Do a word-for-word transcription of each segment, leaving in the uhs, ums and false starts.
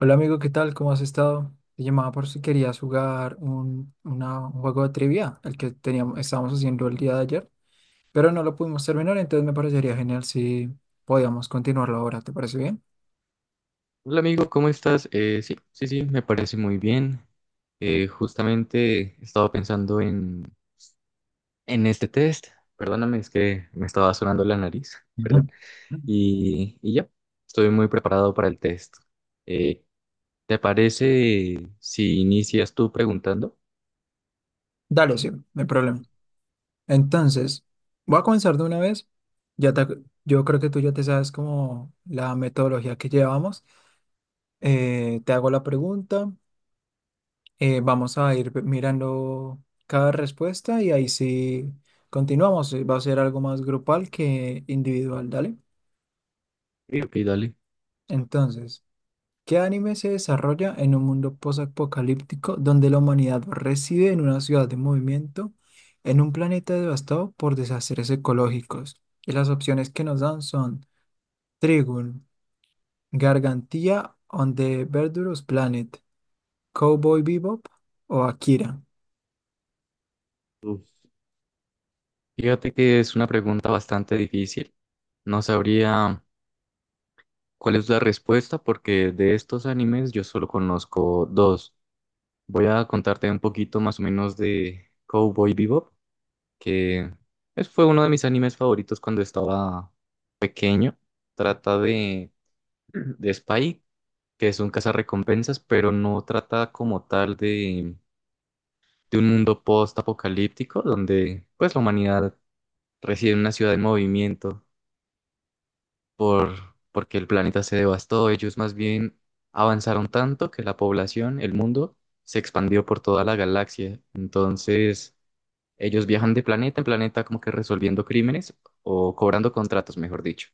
Hola amigo, ¿qué tal? ¿Cómo has estado? Te llamaba por si querías jugar un, una- un juego de trivia, el que teníamos, estábamos haciendo el día de ayer, pero no lo pudimos terminar, entonces me parecería genial si podíamos continuarlo ahora, ¿te parece bien? Hola amigo, ¿cómo estás? Eh, sí, sí, sí, me parece muy bien. Eh, justamente estaba pensando en, en este test. Perdóname, es que me estaba sonando la nariz, Ujú. perdón. Y, y ya, estoy muy preparado para el test. Eh, ¿Te parece si inicias tú preguntando? Dale, sí, no hay problema. Entonces, voy a comenzar de una vez. Ya te- yo creo que tú ya te sabes como la metodología que llevamos. Eh, te hago la pregunta. Eh, vamos a ir mirando cada respuesta y ahí sí continuamos. Eh, Va a ser algo más grupal que individual, ¿dale? Sí, ok, dale. Entonces, ¿qué anime se desarrolla en un mundo posapocalíptico donde la humanidad reside en una ciudad de movimiento, en un planeta devastado por desastres ecológicos? Y las opciones que nos dan son Trigun, Gargantia on the Verdurous Planet, Cowboy Bebop o Akira. Uf. Fíjate que es una pregunta bastante difícil. No sabría cuál es la respuesta porque de estos animes yo solo conozco dos. Voy a contarte un poquito más o menos de Cowboy Bebop, que es- fue uno de mis animes favoritos cuando estaba pequeño. Trata de, de Spike, que es un cazarrecompensas, pero no trata como tal de, de un mundo post-apocalíptico, donde pues la humanidad reside en una ciudad en movimiento por, porque el planeta se devastó. Ellos más bien avanzaron tanto que la población, el mundo, se expandió por toda la galaxia. Entonces, ellos viajan de planeta en planeta como que resolviendo crímenes o cobrando contratos, mejor dicho.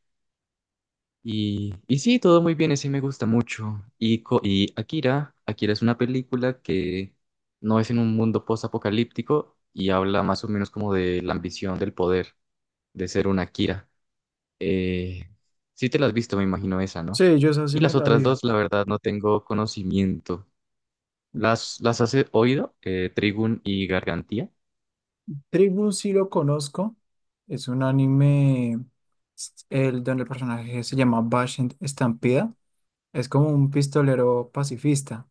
Y, y sí, todo muy bien, ese me gusta mucho. Y, co- y Akira, Akira es una película que no es en un mundo post-apocalíptico y habla más o menos como de la ambición del poder, de ser un Akira. Eh, sí te la has visto, me imagino esa, ¿no? Sí, yo esa Y sí me las la otras vi. dos, la verdad, no tengo conocimiento. ¿Las, las has oído? Eh, Trigun y Gargantía. Trade Blue sí lo conozco. Es un anime el, donde el personaje se llama Bashin Estampida. Es como un pistolero pacifista.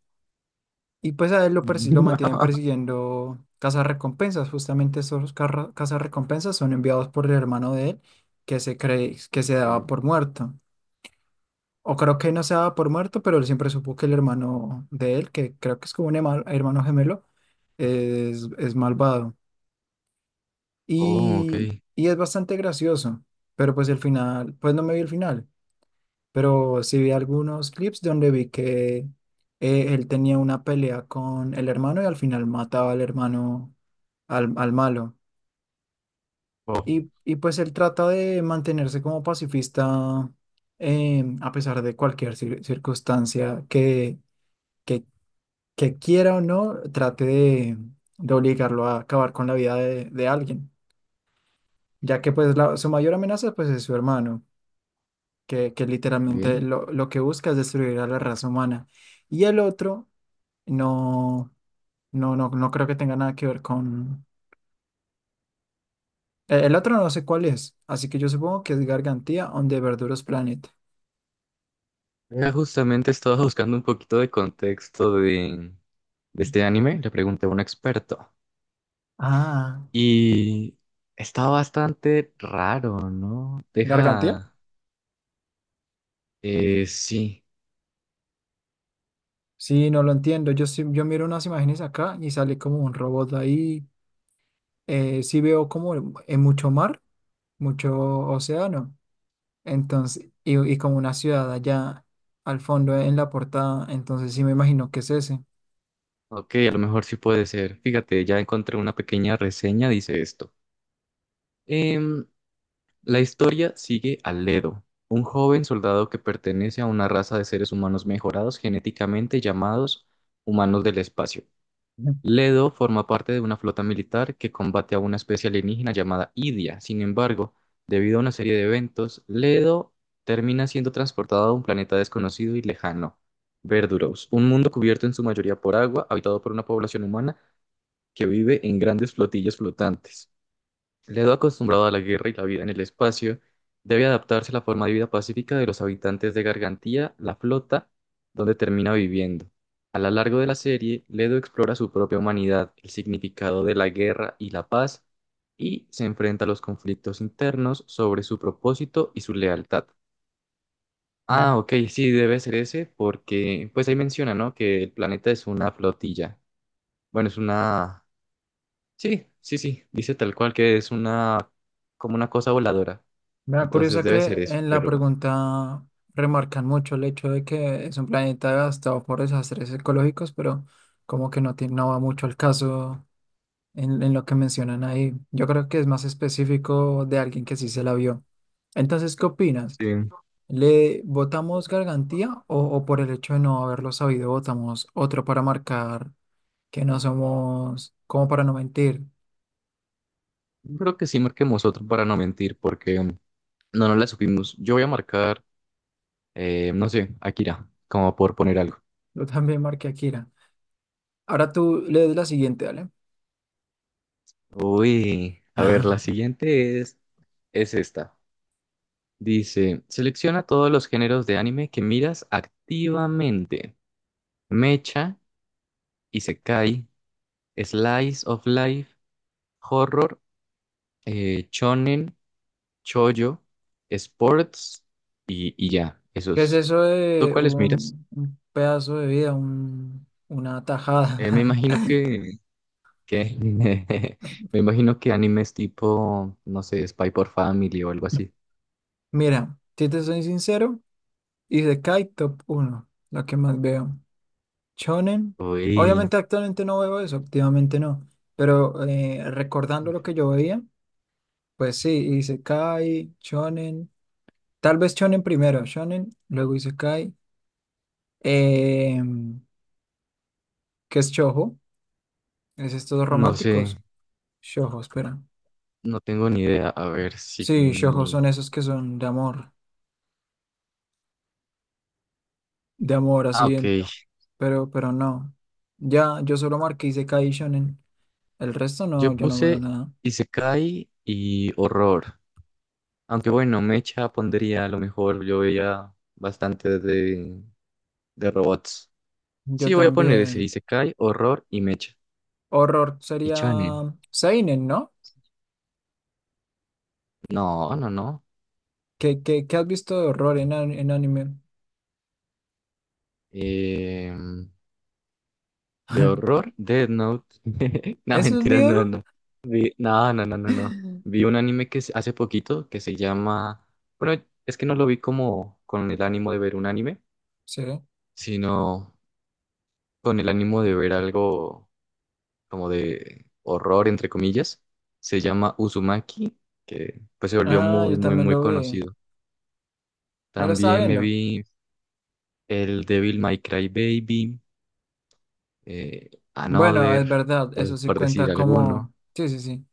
Y pues a él lo, persi- lo mantienen persiguiendo recompensas. Justamente esos recompensas son enviados por el hermano de él, que se cree que se Eh, daba por muerto. O creo que no se daba por muerto, pero él siempre supo que el hermano de él, que creo que es como un herma- hermano gemelo, es, es malvado. oh, Y, ok. y es bastante gracioso, pero pues el final, pues no me vi el final, pero sí vi algunos clips donde vi que eh, él tenía una pelea con el hermano y al final mataba al hermano, al, al malo. Ok. Y, y pues él trata de mantenerse como pacifista, em, a pesar de cualquier cir- circunstancia que, que, que quiera o no, trate de de obligarlo a acabar con la vida de, de alguien, ya que pues la- su mayor amenaza pues es su hermano, que, que literalmente lo, lo que busca es destruir a la raza humana. Y el otro, no, no, no, no creo que tenga nada que ver con... eh, El otro no sé cuál es, así que yo supongo que es Gargantia on the Verduros Planet. Mira, justamente estaba buscando un poquito de contexto de, de este anime, le pregunté a un experto Ah, y está bastante raro, ¿no? Gargantia. Deja, eh, sí, Sí, no lo entiendo. Yo, sí- yo miro unas imágenes acá y sale como un robot ahí. Eh, sí veo como en mucho mar, mucho océano. Entonces, y, y como una ciudad allá al fondo en la portada. Entonces sí me imagino que es ese. ok, a lo mejor sí puede ser. Fíjate, ya encontré una pequeña reseña, dice esto. Em, la historia sigue a Ledo, un joven soldado que pertenece a una raza de seres humanos mejorados genéticamente llamados humanos del espacio. Ledo forma parte de una flota militar que combate a una especie alienígena llamada Idia. Sin embargo, debido a una serie de eventos, Ledo termina siendo transportado a un planeta desconocido y lejano, Verduros, un mundo cubierto en su mayoría por agua, habitado por una población humana que vive en grandes flotillas flotantes. Ledo, acostumbrado a la guerra y la vida en el espacio, debe adaptarse a la forma de vida pacífica de los habitantes de Gargantía, la flota, donde termina viviendo. A lo largo de la serie, Ledo explora su propia humanidad, el significado de la guerra y la paz, y se enfrenta a los conflictos internos sobre su propósito y su lealtad. Mm. Ah, ok, sí, debe ser ese, porque pues ahí menciona, ¿no? Que el planeta es una flotilla. Bueno, es una, sí, sí, sí, dice tal cual que es una, como una cosa voladora. Me da Entonces curiosa debe ser que eso, en la pero pregunta remarcan mucho el hecho de que es un planeta gastado por desastres ecológicos, pero como que no, tiene- no va mucho al caso en, en lo que mencionan ahí. Yo creo que es más específico de alguien que sí se la vio. Entonces, ¿qué opinas? sí, ¿Le votamos gargantía o, o por el hecho de no haberlo sabido votamos otro para marcar que no somos, como para no mentir? yo creo que sí marquemos otro para no mentir, porque um, no, no la supimos. Yo voy a marcar, eh, no sé, Akira, como por poner algo. Yo también marqué a Kira. Ahora tú lees la siguiente, ¿vale? Uy, a ver, la siguiente es, es esta. Dice, selecciona todos los géneros de anime que miras activamente. Mecha, Isekai, Slice of Life, Horror, eh, Shonen Choyo, Sports y, y ya, ¿Qué es esos. eso ¿Tú de cuáles miras? un, un pedazo de vida, un- una Eh, me tajada? imagino que, que me imagino que animes tipo, no sé, Spy por Family o algo así. Mira, si te soy sincero, hice Kai Top uno, la que más veo. Shonen, Uy, obviamente actualmente no veo eso, activamente no, pero eh, recordando lo que yo veía, pues sí, hice Kai, Shonen, tal vez Shonen primero, Shonen, luego hice Kai, que es Shoujo, es estos no sé, románticos, Shoujo, espera. no tengo ni idea. A ver si Sí, Shoujo ni- son esos que son de amor. De amor, ah, así, ok. en- pero, pero no. Ya, yo solo marqué Isekai y Shonen. El resto Yo no, yo no veo puse nada. Isekai y horror. Aunque bueno, Mecha pondría a lo mejor, yo veía bastante de, de robots. Yo Sí, voy a poner ese también. Isekai, horror y Mecha. Horror Y sería, shonen. mm, Seinen, ¿no? No, no, no. ¿Qué, qué, qué has visto de horror en, an- en anime? Em, de horror, Death Note. No, ¿Eso es mentiras, no, miedo? no. Vi- no, no, no, no, no. Vi un anime que se- hace poquito que se llama. Bueno, es que no lo vi como con el ánimo de ver un anime, Sí. sino con el ánimo de ver algo como de horror, entre comillas. Se llama Uzumaki, que pues se volvió Ah, muy, yo muy, también muy lo vi. conocido. Me lo estaba También me viendo. vi el Devil May Cry Baby, eh, Bueno, es Another, verdad, pues, eso sí por decir cuenta como. alguno. Sí, sí, sí.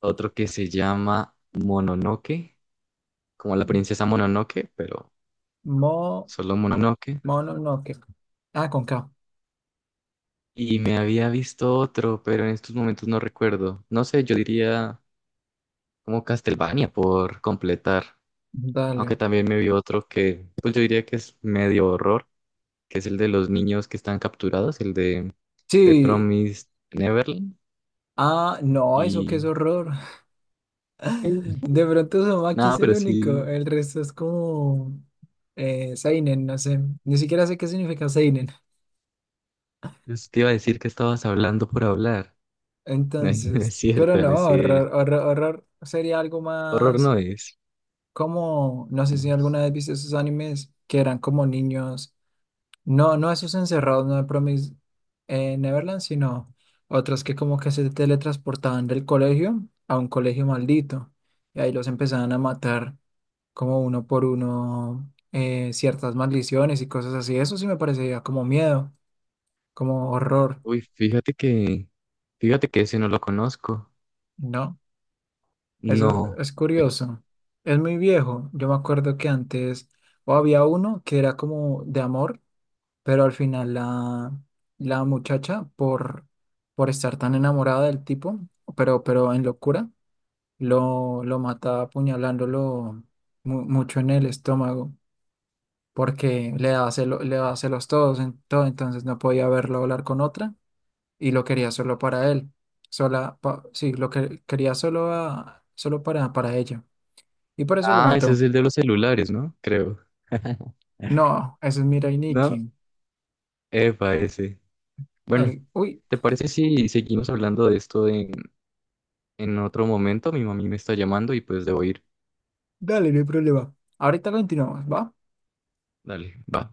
Otro que se llama Mononoke, como la princesa Mononoke, pero Mo, solo Mononoke. mono, no, que. Ah, con K. Y me había visto otro, pero en estos momentos no recuerdo. No sé, yo diría como Castlevania por completar. Dale. Aunque también me vi otro que, pues yo diría que es medio horror, que es el de los niños que están capturados, el de, de Sí. Promised Neverland. Ah, no, eso qué es Y horror. De pronto Uzumaki es nada, el pero único, sí. el resto es como eh, Seinen, no sé, ni siquiera sé qué significa Seinen. Pues te iba a decir que estabas hablando por hablar. No, no Entonces, es pero cierto, no no, es horror, cierto. horror, horror sería algo Horror no más es. como, no sé si alguna vez viste esos animes que eran como niños, no, no esos encerrados, no de Promise eh, Neverland, sino otros que como que se teletransportaban del colegio a un colegio maldito y ahí los empezaban a matar, como uno por uno, eh, ciertas maldiciones y cosas así. Eso sí me parecería como miedo, como horror, Uy, fíjate que, fíjate que ese no lo conozco. ¿no? Eso No. es curioso. Es muy viejo. Yo me acuerdo que antes o había uno que era como de amor, pero al final la, la muchacha por, por estar tan enamorada del tipo, pero, pero en locura, lo, lo mata apuñalándolo mu- mucho en el estómago, porque le daba celo- le daba celos todos, en todo, entonces no podía verlo hablar con otra y lo quería solo para él. Sola, pa- sí, lo que quería solo a- solo para, para ella. Y por eso lo Ah, ese es mató. el de los celulares, ¿no? Creo. No, ese es Mirai No, Nikki. epa, ese. Bueno, El, uy, ¿te parece si seguimos hablando de esto en, en otro momento? Mi mami me está llamando y pues debo ir. dale, no hay problema. Ahorita continuamos, ¿va? Dale, va.